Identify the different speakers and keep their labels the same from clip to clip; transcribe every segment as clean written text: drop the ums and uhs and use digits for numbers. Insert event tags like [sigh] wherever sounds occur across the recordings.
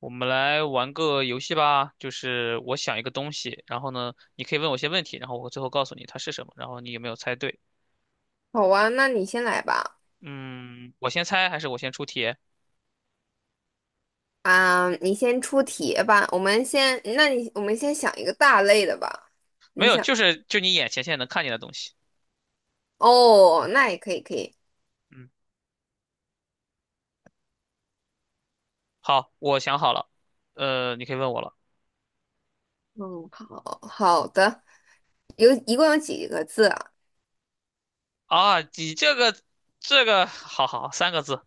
Speaker 1: 我们来玩个游戏吧，就是我想一个东西，然后呢，你可以问我一些问题，然后我最后告诉你它是什么，然后你有没有猜对？
Speaker 2: 好啊，那你先来吧。
Speaker 1: 嗯，我先猜还是我先出题？
Speaker 2: 你先出题吧。我们先想一个大类的吧。
Speaker 1: 没
Speaker 2: 你
Speaker 1: 有，
Speaker 2: 想，
Speaker 1: 就是就你眼前现在能看见的东西。
Speaker 2: 哦，那也可以，可以。
Speaker 1: 嗯，好，我想好了，你可以问我了。
Speaker 2: 嗯，好的。共有几个字啊？
Speaker 1: 啊，你这个，好好，三个字，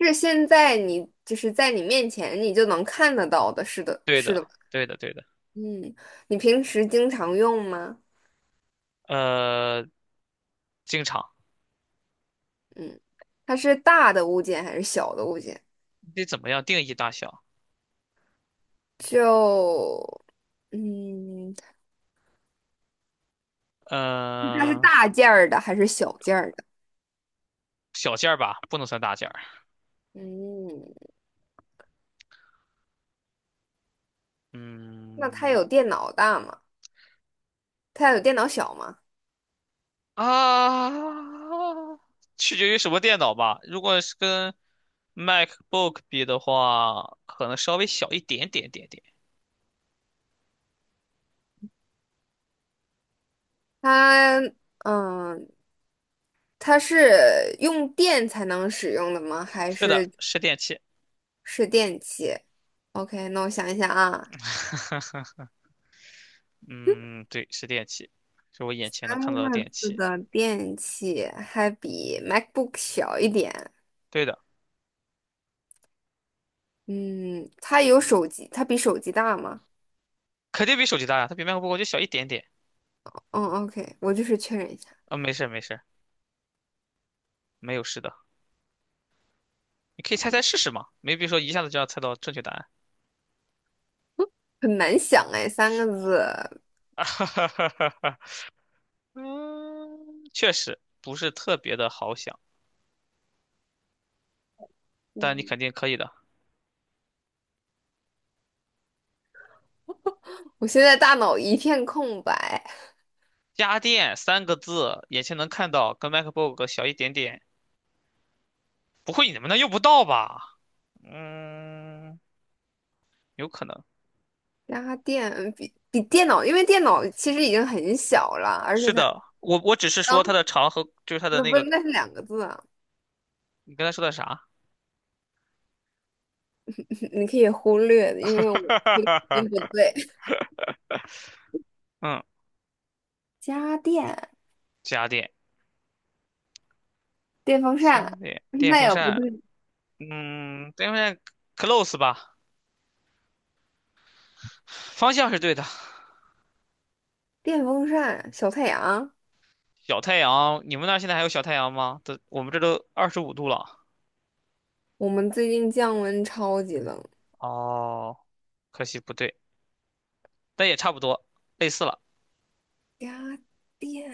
Speaker 2: 是现在你就是在你面前你就能看得到的，是的，
Speaker 1: 对
Speaker 2: 是
Speaker 1: 的，
Speaker 2: 的吧。
Speaker 1: 对的，对的。
Speaker 2: 嗯，你平时经常用吗？
Speaker 1: 呃，经常，
Speaker 2: 嗯，它是大的物件还是小的物件？
Speaker 1: 你得怎么样定义大小？
Speaker 2: 就嗯，它是
Speaker 1: 呃，
Speaker 2: 大件儿的还是小件儿的？
Speaker 1: 小件儿吧，不能算大件儿。
Speaker 2: 嗯，那它
Speaker 1: 嗯。
Speaker 2: 有电脑大吗？它有电脑小吗？
Speaker 1: 啊，取决于什么电脑吧。如果是跟 MacBook 比的话，可能稍微小一点点。
Speaker 2: 它嗯，它是用电才能使用的吗？还
Speaker 1: 是的，
Speaker 2: 是
Speaker 1: 是电器。
Speaker 2: 是电器？OK，那我想一想啊，
Speaker 1: [laughs] 嗯，对，是电器，是我眼前能看
Speaker 2: 三
Speaker 1: 到的
Speaker 2: 个
Speaker 1: 电
Speaker 2: 字
Speaker 1: 器。
Speaker 2: 的电器还比 MacBook 小一点。
Speaker 1: 对的，
Speaker 2: 嗯，它比手机大吗？
Speaker 1: 肯定比手机大呀，它比 MacBook 就小一点点。
Speaker 2: 嗯，OK，我就是确认一下，
Speaker 1: 啊、没事儿没事儿没有事的。你可以猜猜试试嘛，没必说一下子就要猜到正确答案。
Speaker 2: 很难想哎，三个字，
Speaker 1: [laughs] 哈哈哈哈哈嗯，确实不是特别的好想，但你
Speaker 2: 嗯，
Speaker 1: 肯定可以的。
Speaker 2: 我现在大脑一片空白。
Speaker 1: 家电三个字，眼前能看到，跟 MacBook 小一点点。不会你们那用不到吧？嗯，有可能。
Speaker 2: 家电比电脑，因为电脑其实已经很小了，而
Speaker 1: 是
Speaker 2: 且它，
Speaker 1: 的，我只是说它
Speaker 2: 然
Speaker 1: 的长和就是它的
Speaker 2: 那
Speaker 1: 那
Speaker 2: 不
Speaker 1: 个，
Speaker 2: 那是两个字啊。
Speaker 1: 你刚才说的啥？
Speaker 2: [laughs] 你可以忽略的，因为我 [laughs] 不
Speaker 1: [laughs]
Speaker 2: 对，[laughs]
Speaker 1: 嗯，
Speaker 2: 家电
Speaker 1: 家电，
Speaker 2: 电风
Speaker 1: 家
Speaker 2: 扇，
Speaker 1: 电，电
Speaker 2: 那
Speaker 1: 风
Speaker 2: 也不
Speaker 1: 扇，
Speaker 2: 对。
Speaker 1: 嗯，电风扇 close 吧，方向是对的。
Speaker 2: 电风扇小太阳，
Speaker 1: 小太阳，你们那儿现在还有小太阳吗？这我们这都25度了。
Speaker 2: 我们最近降温超级冷。
Speaker 1: 哦，可惜不对，但也差不多，类似了，
Speaker 2: 家电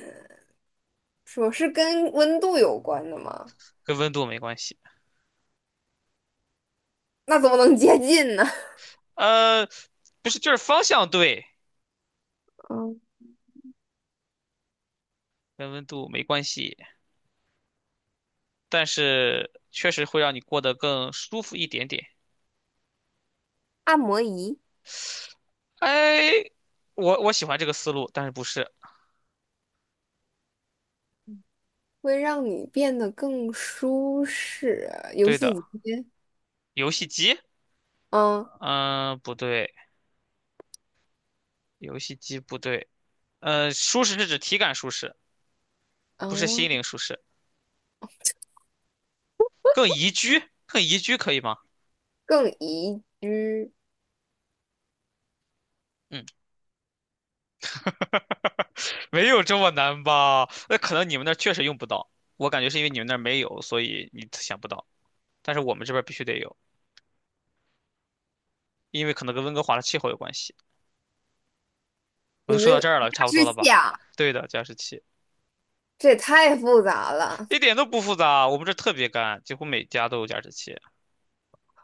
Speaker 2: 说是跟温度有关的吗？
Speaker 1: 跟温度没关系。
Speaker 2: 那怎么能接近呢？
Speaker 1: 呃，不是，就是方向对，
Speaker 2: [laughs] 嗯，
Speaker 1: 跟温度没关系，但是确实会让你过得更舒服一点点。
Speaker 2: 按摩仪
Speaker 1: 哎，我喜欢这个思路，但是不是
Speaker 2: 会让你变得更舒适啊，游
Speaker 1: 对
Speaker 2: 戏
Speaker 1: 的。
Speaker 2: 机。
Speaker 1: 游戏机？
Speaker 2: 嗯，
Speaker 1: 嗯、不对，游戏机不对。舒适是指体感舒适，不是
Speaker 2: 哦，
Speaker 1: 心灵舒适，更宜居，更宜居可以吗？
Speaker 2: 更宜居。
Speaker 1: 嗯，没有这么难吧？那可能你们那儿确实用不到，我感觉是因为你们那儿没有，所以你想不到，但是我们这边儿必须得有，因为可能跟温哥华的气候有关系。我
Speaker 2: 你
Speaker 1: 就说
Speaker 2: 们
Speaker 1: 到
Speaker 2: 那
Speaker 1: 这儿了，
Speaker 2: 加
Speaker 1: 差不多
Speaker 2: 湿
Speaker 1: 了
Speaker 2: 器
Speaker 1: 吧？
Speaker 2: 啊，
Speaker 1: 对的，加湿器
Speaker 2: 这也太复杂了。
Speaker 1: 一点都不复杂，我们这儿特别干，几乎每家都有加湿器。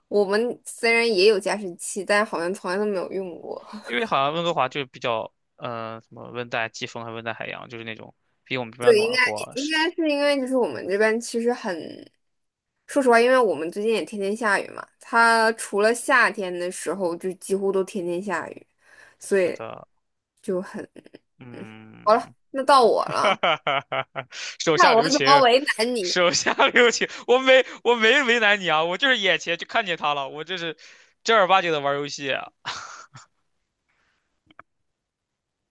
Speaker 2: 我们虽然也有加湿器，但好像从来都没有用过。
Speaker 1: 因为
Speaker 2: [laughs]
Speaker 1: 好像温哥华就是比较，什么温带季风还是温带海洋，就是那种比我们这边
Speaker 2: 对，
Speaker 1: 暖和。
Speaker 2: 应
Speaker 1: 是
Speaker 2: 该是因为就是我们这边其实很，说实话，因为我们最近也天天下雨嘛，它除了夏天的时候就几乎都天天下雨，所
Speaker 1: 是
Speaker 2: 以
Speaker 1: 的，
Speaker 2: 就很，嗯，好了，
Speaker 1: 嗯，
Speaker 2: 那到我
Speaker 1: [laughs] 哈
Speaker 2: 了。
Speaker 1: 哈哈哈，手
Speaker 2: 看
Speaker 1: 下
Speaker 2: 我
Speaker 1: 留
Speaker 2: 怎么
Speaker 1: 情，
Speaker 2: 为难你。
Speaker 1: 手下留情，我没为难你啊，我就是眼前就看见他了，我这是正儿八经的玩游戏，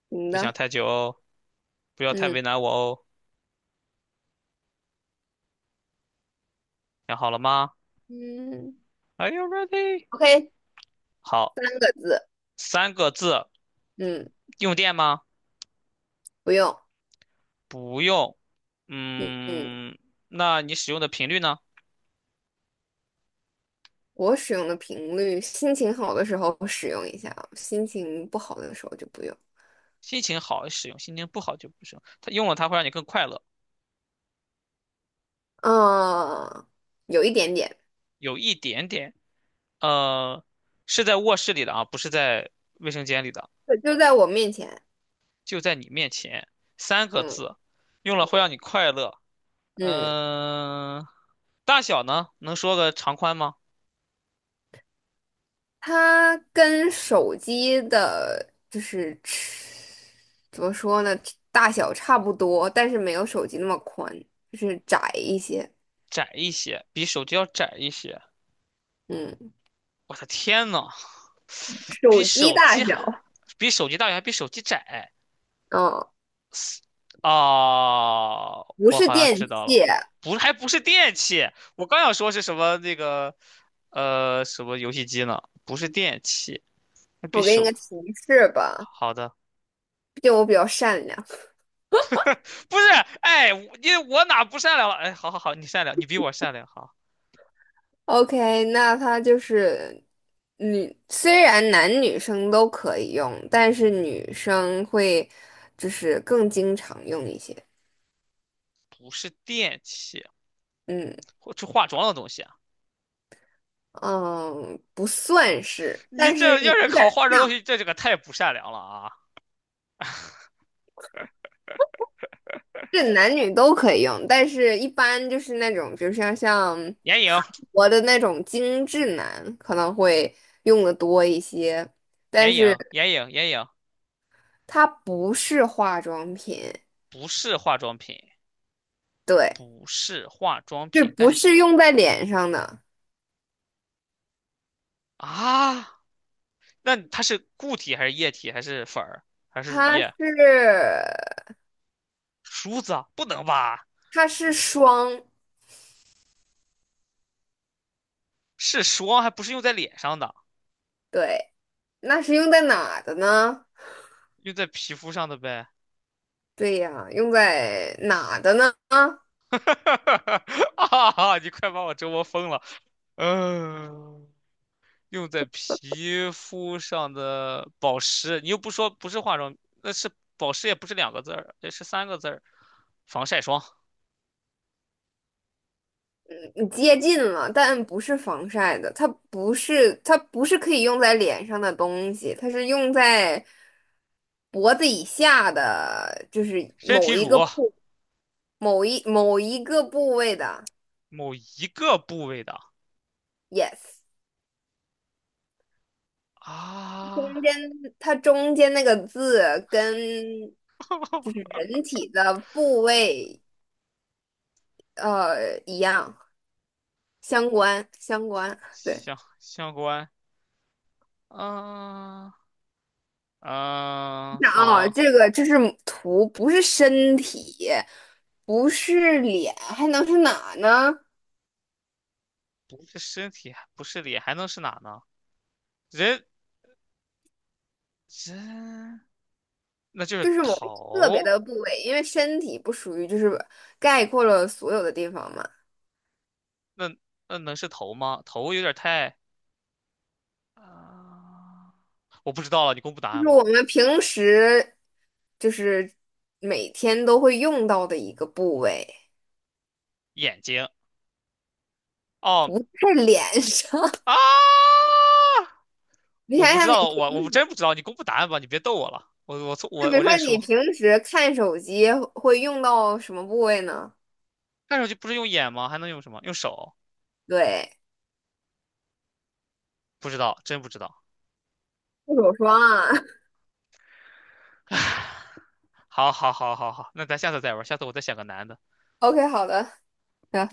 Speaker 2: 你
Speaker 1: 别想
Speaker 2: 的，
Speaker 1: 太久哦，不要太
Speaker 2: 嗯
Speaker 1: 为难我哦，想好了吗
Speaker 2: 嗯
Speaker 1: ？Are you ready？
Speaker 2: ，OK，四
Speaker 1: 好。
Speaker 2: 个字，
Speaker 1: 三个字，
Speaker 2: 嗯。
Speaker 1: 用电吗？
Speaker 2: 不用，
Speaker 1: 不用。
Speaker 2: 嗯嗯，
Speaker 1: 嗯，那你使用的频率呢？
Speaker 2: 我使用的频率，心情好的时候使用一下，心情不好的时候就不用。
Speaker 1: 心情好使用，心情不好就不使用。它用了它会让你更快乐，
Speaker 2: 嗯，有一点点，
Speaker 1: 有一点点。呃，是在卧室里的啊，不是在卫生间里的，
Speaker 2: 对就在我面前。
Speaker 1: 就在你面前。三个
Speaker 2: 嗯
Speaker 1: 字，用了会让你快乐。
Speaker 2: 嗯，
Speaker 1: 嗯、大小呢？能说个长宽吗？
Speaker 2: 它跟手机的，就是怎么说呢，大小差不多，但是没有手机那么宽，就是窄一些。
Speaker 1: 窄一些，比手机要窄一些。
Speaker 2: 嗯，
Speaker 1: 我的天呐，比
Speaker 2: 手机
Speaker 1: 手
Speaker 2: 大
Speaker 1: 机还
Speaker 2: 小，
Speaker 1: 比手机大小还比手机窄。
Speaker 2: 嗯，
Speaker 1: 啊，
Speaker 2: 不
Speaker 1: 我
Speaker 2: 是
Speaker 1: 好像知
Speaker 2: 电器。
Speaker 1: 道了，不，还不是电器，我刚想说是什么那个，什么游戏机呢？不是电器，那比
Speaker 2: 我给你
Speaker 1: 手，
Speaker 2: 个提示吧，
Speaker 1: 好的，
Speaker 2: 毕竟我比较善良。
Speaker 1: 不是，哎，我因为我哪不善良了？哎，好好好，你善良，你比我善良，好，
Speaker 2: OK，那它就是女，虽然男女生都可以用，但是女生会就是更经常用一些。
Speaker 1: 不是电器，
Speaker 2: 嗯
Speaker 1: 或是化妆的东西啊？
Speaker 2: 嗯，不算是，
Speaker 1: 你
Speaker 2: 但是
Speaker 1: 这要是
Speaker 2: 有点
Speaker 1: 考
Speaker 2: 儿
Speaker 1: 化妆东西，这个太不善良了啊！
Speaker 2: 是男女都可以用，但是一般就是那种，比如像
Speaker 1: 眼影，
Speaker 2: 我的那种精致男可能会用的多一些，但
Speaker 1: 眼
Speaker 2: 是
Speaker 1: 影，眼影，眼影，
Speaker 2: 它不是化妆品，
Speaker 1: 不是化妆品，
Speaker 2: 对，
Speaker 1: 不是化妆
Speaker 2: 是
Speaker 1: 品，但
Speaker 2: 不
Speaker 1: 是几
Speaker 2: 是用在脸上的？
Speaker 1: 啊？那它是固体还是液体还是粉儿还是乳
Speaker 2: 它
Speaker 1: 液？
Speaker 2: 是
Speaker 1: 梳子啊不能吧？
Speaker 2: 它是霜，
Speaker 1: 是霜，还不是用在脸上的，
Speaker 2: 对，那是用在哪的呢？
Speaker 1: 用在皮肤上的呗。
Speaker 2: 对呀，用在哪的呢？
Speaker 1: [laughs] 啊，你快把我折磨疯了。嗯，用在皮肤上的保湿，你又不说不是化妆，那是保湿也不是两个字儿，也是三个字儿，防晒霜、
Speaker 2: 你接近了，但不是防晒的，它不是可以用在脸上的东西，它是用在脖子以下的，就是
Speaker 1: 身体乳，
Speaker 2: 某一个部位的。
Speaker 1: 某一个部位的
Speaker 2: Yes，中
Speaker 1: 啊。
Speaker 2: 间它中间那个字跟就是
Speaker 1: [laughs]
Speaker 2: 人体的部位一样，相关。对，
Speaker 1: 相关，嗯、呃
Speaker 2: 你
Speaker 1: 嗯、
Speaker 2: 想啊，
Speaker 1: 方
Speaker 2: 这是图，不是身体，不是脸，还能是哪呢？
Speaker 1: 不是身体，不是脸，还能是哪呢？人人那就
Speaker 2: 就
Speaker 1: 是
Speaker 2: 是某一个特别
Speaker 1: 头，
Speaker 2: 的部位，因为身体不属于，就是概括了所有的地方嘛。
Speaker 1: 那那能是头吗？头有点太啊、我不知道了，你公布答
Speaker 2: 就
Speaker 1: 案
Speaker 2: 是
Speaker 1: 吧。
Speaker 2: 我们平时，就是每天都会用到的一个部位，
Speaker 1: 眼睛，哦
Speaker 2: 是脸上。[laughs]
Speaker 1: 啊，
Speaker 2: 你
Speaker 1: 我
Speaker 2: 想
Speaker 1: 不知
Speaker 2: 想你，
Speaker 1: 道了，我真不知道，你公布答案吧，你别逗我了，我我错
Speaker 2: 就
Speaker 1: 我
Speaker 2: 比
Speaker 1: 我
Speaker 2: 如说
Speaker 1: 认
Speaker 2: 你
Speaker 1: 输。
Speaker 2: 平时看手机会用到什么部位呢？
Speaker 1: 看上去不是用眼吗？还能用什么？用手？
Speaker 2: 对。
Speaker 1: 不知道，真不知道。
Speaker 2: 护手霜
Speaker 1: 好，好，好，好，好，那咱下次再玩，下次我再想个难的。
Speaker 2: ，OK，啊 [laughs] OK，好的，行。